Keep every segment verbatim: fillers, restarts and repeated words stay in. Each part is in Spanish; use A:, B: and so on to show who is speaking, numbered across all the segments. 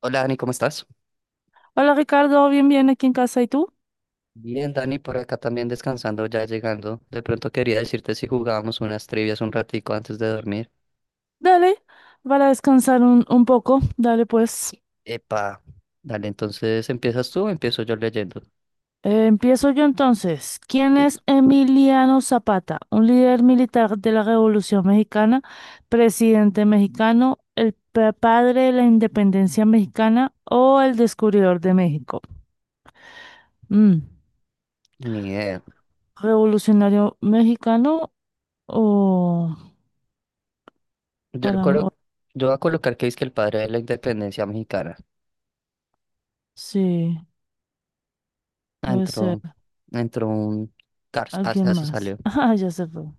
A: Hola Dani, ¿cómo estás?
B: Hola Ricardo, bien, bien aquí en casa. ¿Y tú?
A: Bien, Dani, por acá también descansando, ya llegando. De pronto quería decirte si jugábamos unas trivias un ratico antes de dormir.
B: Dale, para descansar un, un poco. Dale, pues.
A: Epa, dale, entonces ¿empiezas tú o empiezo yo leyendo?
B: Eh, empiezo yo entonces. ¿Quién es
A: Listo.
B: Emiliano Zapata? Un líder militar de la Revolución Mexicana, presidente mexicano, el pa- padre de la independencia mexicana o el descubridor de México. Mm,
A: Ni idea.
B: ¿revolucionario mexicano o
A: Yo, le
B: para... o-
A: colo- yo voy a colocar que es que el padre de la independencia mexicana.
B: sí,
A: Ah,
B: puede ser
A: entró, entró un Cars,
B: alguien
A: hasta se
B: más.
A: salió.
B: Ah, ya se fue.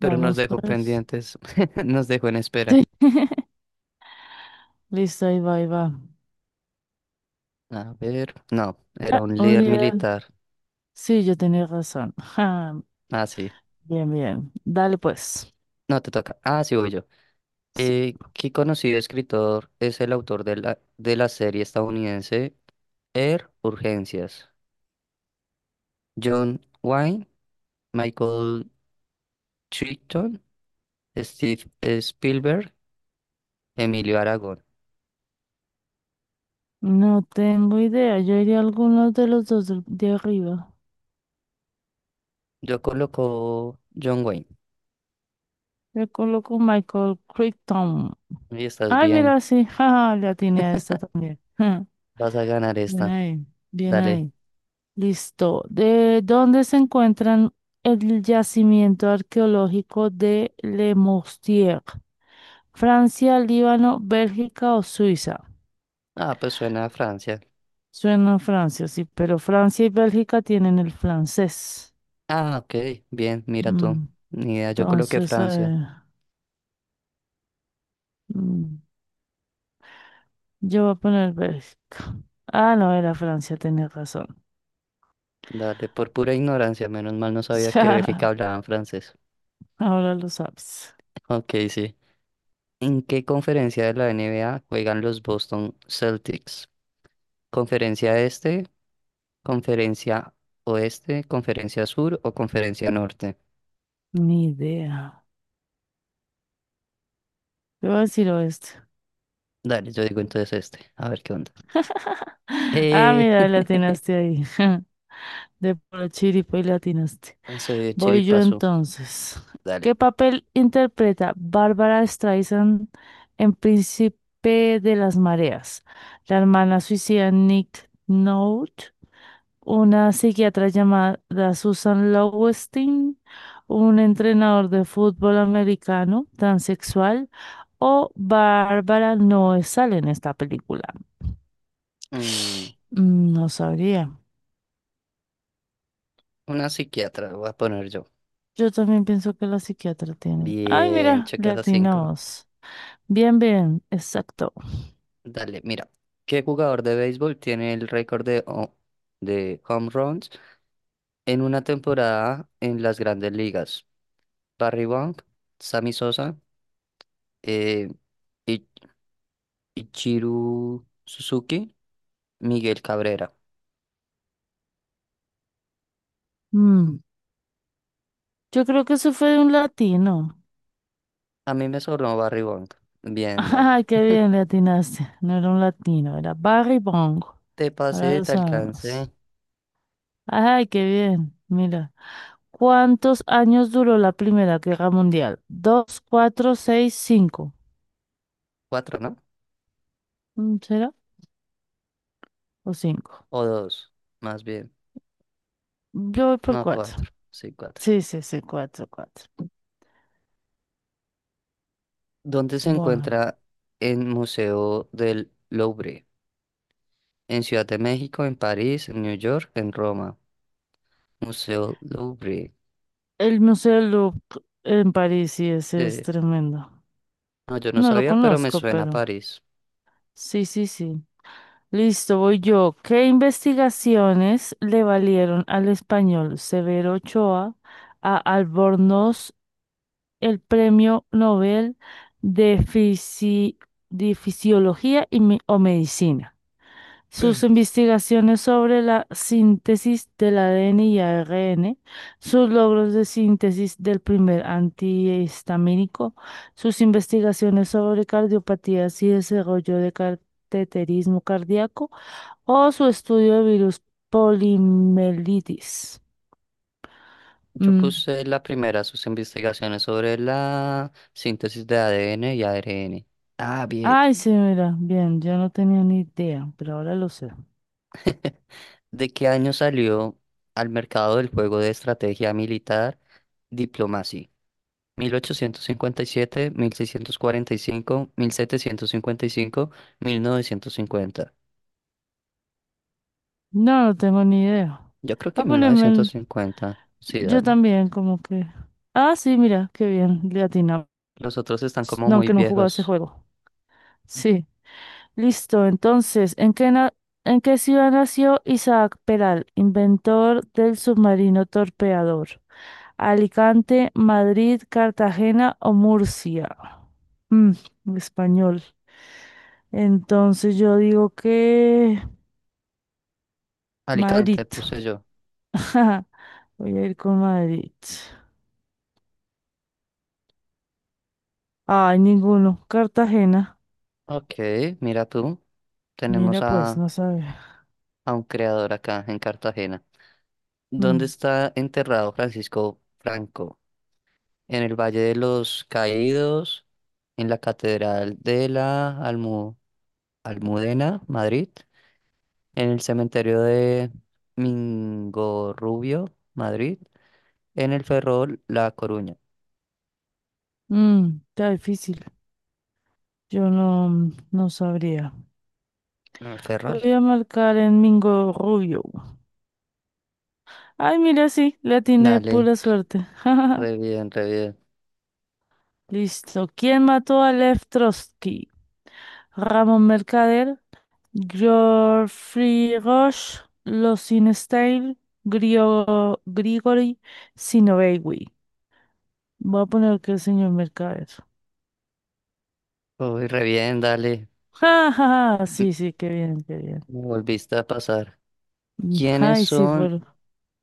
A: Pero nos
B: Vamos
A: dejó
B: pues.
A: pendientes, nos dejó en espera.
B: Sí. Listo, ahí va, ahí va.
A: A ver, no, era
B: Ah,
A: un
B: un
A: líder
B: líder.
A: militar.
B: Sí, yo tenía razón. Ja,
A: Ah, sí.
B: bien, bien. Dale pues.
A: No, te toca. Ah, sí, voy yo.
B: Sí.
A: Eh, ¿qué conocido escritor es el autor de la, de la serie estadounidense Air Urgencias? John Wayne, Michael Crichton, Steve Spielberg, Emilio Aragón.
B: No tengo idea. Yo iría a alguno de los dos del- de arriba.
A: Yo coloco John Wayne.
B: Le coloco Michael Crichton.
A: Y estás
B: Ay,
A: bien,
B: mira, sí. Ja, la tiene esta también. Ja,
A: vas a ganar
B: bien
A: esta.
B: ahí, bien
A: Dale.
B: ahí. Listo. ¿De dónde se encuentran el yacimiento arqueológico de Le Mostier? ¿Francia, Líbano, Bélgica o Suiza?
A: Ah, pues suena a Francia.
B: Suena a Francia, sí, pero Francia y Bélgica tienen el francés.
A: Ah, ok, bien, mira tú.
B: Mm,
A: Ni idea, yo coloqué
B: entonces, a
A: Francia.
B: ver, mm, yo voy a poner Bélgica. Ah, no, era Francia, tenés razón.
A: Dale, por pura ignorancia, menos mal no
B: O
A: sabía que Bélgica
B: sea,
A: hablaban francés.
B: ahora lo sabes.
A: Ok, sí. ¿En qué conferencia de la N B A juegan los Boston Celtics? ¿Conferencia este, conferencia oeste, conferencia sur o conferencia norte?
B: Ni idea. Te voy a decir oeste.
A: Dale, yo digo entonces este, a ver qué onda.
B: Ah,
A: Eh,
B: mira, le atinaste ahí. De puro chiripo y le atinaste.
A: soy de
B: Voy yo
A: Chiripazo,
B: entonces. ¿Qué
A: dale.
B: papel interpreta Bárbara Streisand en Príncipe de las Mareas? La hermana suicida Nick Nolte, una psiquiatra llamada Susan Lowenstein, un entrenador de fútbol americano transexual o Bárbara no sale en esta película.
A: Mm,
B: Mm, no sabría.
A: una psiquiatra, voy a poner yo.
B: Yo también pienso que la psiquiatra tiene. Ay,
A: Bien,
B: mira, le
A: checas a cinco.
B: atinamos. Bien, bien, exacto.
A: Dale, mira. ¿Qué jugador de béisbol tiene el récord de, ho- de home runs en una temporada en las grandes ligas? Barry Wong, Sammy Sosa, eh, I- Ichiru Suzuki, Miguel Cabrera.
B: Mm, yo creo que eso fue de un latino.
A: A mí me sobró Barry Wong. Bien, dale.
B: Ay, qué bien le atinaste. No era un latino, era Barry Bongo.
A: Te
B: Ahora
A: pasé,
B: lo
A: te
B: sabemos.
A: alcancé
B: Ay, qué bien. Mira, ¿cuántos años duró la Primera Guerra Mundial? Dos, cuatro, seis, cinco.
A: cuatro, ¿no?
B: Mm, ¿será? ¿O cinco?
A: O dos, más bien.
B: Yo voy por
A: No,
B: cuatro.
A: cuatro. Sí, cuatro.
B: Sí, sí, sí, cuatro, cuatro.
A: ¿Dónde se
B: Bueno,
A: encuentra el Museo del Louvre? En Ciudad de México, en París, en New York, en Roma. Museo Louvre.
B: el Museo del Louvre en París, sí, ese
A: Eh,
B: es tremendo.
A: no, yo no
B: No lo
A: sabía, pero me
B: conozco,
A: suena a
B: pero
A: París.
B: sí, sí, sí. Listo, voy yo. ¿Qué investigaciones le valieron al español Severo Ochoa a Albornoz el Premio Nobel de, Fisi- de Fisiología y Me- o Medicina? Sus investigaciones sobre la síntesis del A D N y A R N, sus logros de síntesis del primer antihistamínico, sus investigaciones sobre cardiopatías y desarrollo de cateterismo cardíaco o su estudio de virus polimelitis.
A: Yo
B: Mm.
A: puse la primera, sus investigaciones sobre la síntesis de A D N y A R N. Ah, bien.
B: Ay, sí, mira, bien, yo no tenía ni idea, pero ahora lo sé.
A: ¿De qué año salió al mercado el juego de estrategia militar Diplomacy? mil mil mil ochocientos cincuenta cincuenta y y y siete, mil seiscientos cuarenta y cinco, mil setecientos cincuenta y cinco, mil novecientos cincuenta.
B: No, no tengo ni idea.
A: Yo creo que
B: A
A: mil
B: ponerme
A: novecientos
B: el-
A: cincuenta Sí,
B: yo
A: dale.
B: también, como que... Ah, sí, mira, qué bien, le atinamos.
A: Los otros están como
B: No,
A: muy
B: aunque no jugaba ese
A: viejos.
B: juego. Sí. Listo, entonces, ¿en qué, na- ¿en qué ciudad nació Isaac Peral, inventor del submarino torpeador? Alicante, Madrid, Cartagena o Murcia. Mm, español. Entonces yo digo que
A: Alicante,
B: Madrid.
A: puse yo.
B: Voy a ir con Madrid. Ay, ninguno. Cartagena.
A: Ok, mira tú. Tenemos
B: Mira, pues,
A: a
B: no sabe.
A: a un creador acá en Cartagena. ¿Dónde
B: Mm,
A: está enterrado Francisco Franco? ¿En el Valle de los Caídos? ¿En la Catedral de la Almu- Almudena, Madrid? ¿En el cementerio de Mingorrubio, Madrid? ¿En el Ferrol, La Coruña?
B: mm, está difícil. Yo no, no sabría.
A: En el Ferrol.
B: Voy a marcar en Mingo Rubio. Ay, mira, sí, la tiene
A: Dale,
B: pura suerte.
A: re bien, re bien.
B: Listo. ¿Quién mató a Lev Trotsky? Ramón Mercader, Geoffrey Roche, Losinstein, Grio- Grigori Sinovevich. Voy a poner que el señor Mercader.
A: Uy, re bien, dale.
B: Ja, ja, ja.
A: M-
B: Sí, sí, qué bien, qué bien.
A: Me volviste a pasar.
B: Mm,
A: ¿Quiénes
B: ay, sí,
A: son?
B: por...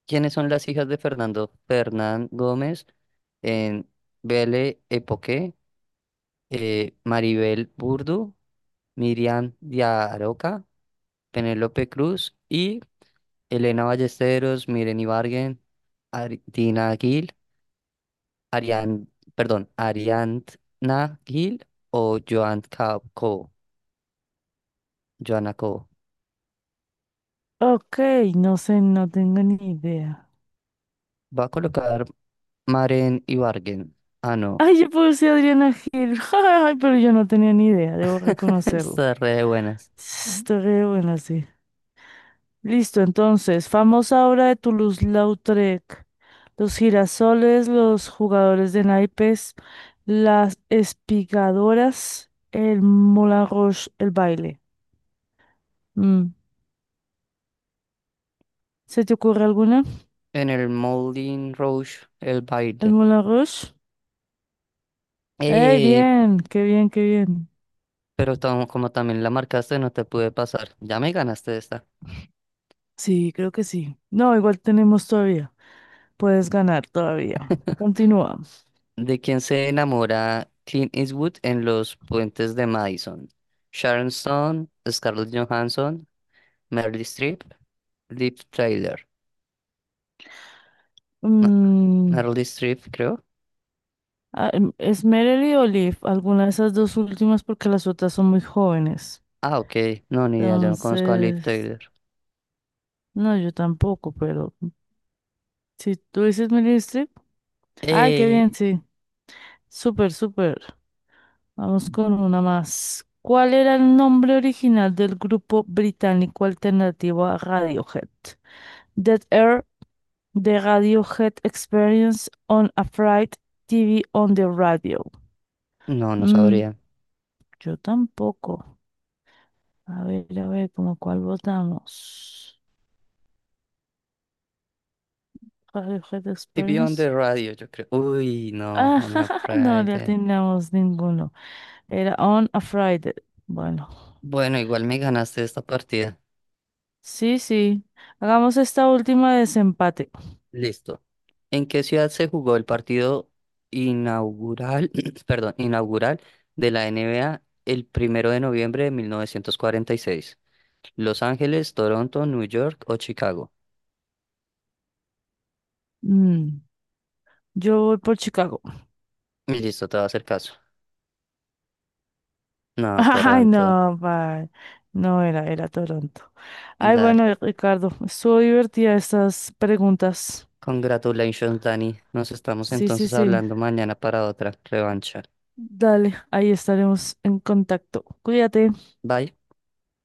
A: ¿Quiénes son las hijas de Fernando Fernán Gómez en Belle Époque? Eh, Maribel Burdu, Miriam Diaroca, Penélope Cruz y Elena Ballesteros, Miren Ibargen, Ari- Dina Gil, Arián, perdón, Ariadna Gil o Joan Ca- Co, Joana Co.
B: Ok, no sé, no tengo ni idea.
A: Va a colocar Maren Ibargen. Ah, no.
B: Ay, yo puse Adriana Gil. Ay, pero yo no tenía ni idea, debo reconocerlo. Ujú.
A: Está re de buenas.
B: Está re buena, sí. Listo, entonces, famosa obra de Toulouse-Lautrec. Los girasoles, los jugadores de naipes, las espigadoras, el Moulin Rouge, el baile. Mm. ¿Se te ocurre alguna?
A: En el Moulin Rouge, el
B: ¿El
A: baile.
B: Moulin Rouge? ¡Eh,
A: Eh,
B: bien! ¡Qué bien, qué bien!
A: pero tam- como también la marcaste, no te pude pasar. Ya me ganaste esta.
B: Sí, creo que sí. No, igual tenemos todavía. Puedes ganar todavía. Continúa.
A: ¿De quién se enamora Clint Eastwood en Los Puentes de Madison? Sharon Stone, Scarlett Johansson, Meryl Streep, Liv Tyler. No,
B: Mm,
A: Meryl Streep, creo.
B: ah, em, ¿es Merely o Leaf? Alguna de esas dos últimas porque las otras son muy jóvenes.
A: Ah, ok. No, ni idea, yo no conozco a Liv
B: Entonces,
A: Tyler.
B: no, yo tampoco, pero si tú dices Meryl Streep, ay, qué
A: Eh,
B: bien, sí. Súper, súper. Vamos con una más. ¿Cuál era el nombre original del grupo británico alternativo a Radiohead? Dead Air, The Radiohead Experience on a Fright, T V on the Radio.
A: no, no
B: Mm,
A: sabría.
B: yo tampoco. A ver, a ver, ¿cómo cuál votamos? Radiohead
A: T V on the
B: Experience.
A: radio, yo creo. Uy, no,
B: Ah,
A: on a
B: no le
A: Friday.
B: atinamos ninguno. Era On a Friday. Bueno,
A: Bueno, igual me ganaste esta partida.
B: sí, sí. Hagamos esta última de desempate.
A: Listo. ¿En qué ciudad se jugó el partido inaugural, perdón, inaugural de la N B A el primero de noviembre de mil novecientos cuarenta y seis? ¿Los Ángeles, Toronto, New York o Chicago?
B: Mm, yo voy por Chicago.
A: Y listo, te va a hacer caso. No,
B: Ay,
A: Toronto.
B: no, pa. No era, era Toronto. Ay,
A: Dale.
B: bueno, Ricardo, estuvo divertida estas preguntas.
A: Congratulations, Dani. Nos estamos
B: Sí, sí,
A: entonces
B: sí.
A: hablando mañana para otra revancha.
B: Dale, ahí estaremos en contacto. Cuídate.
A: Bye.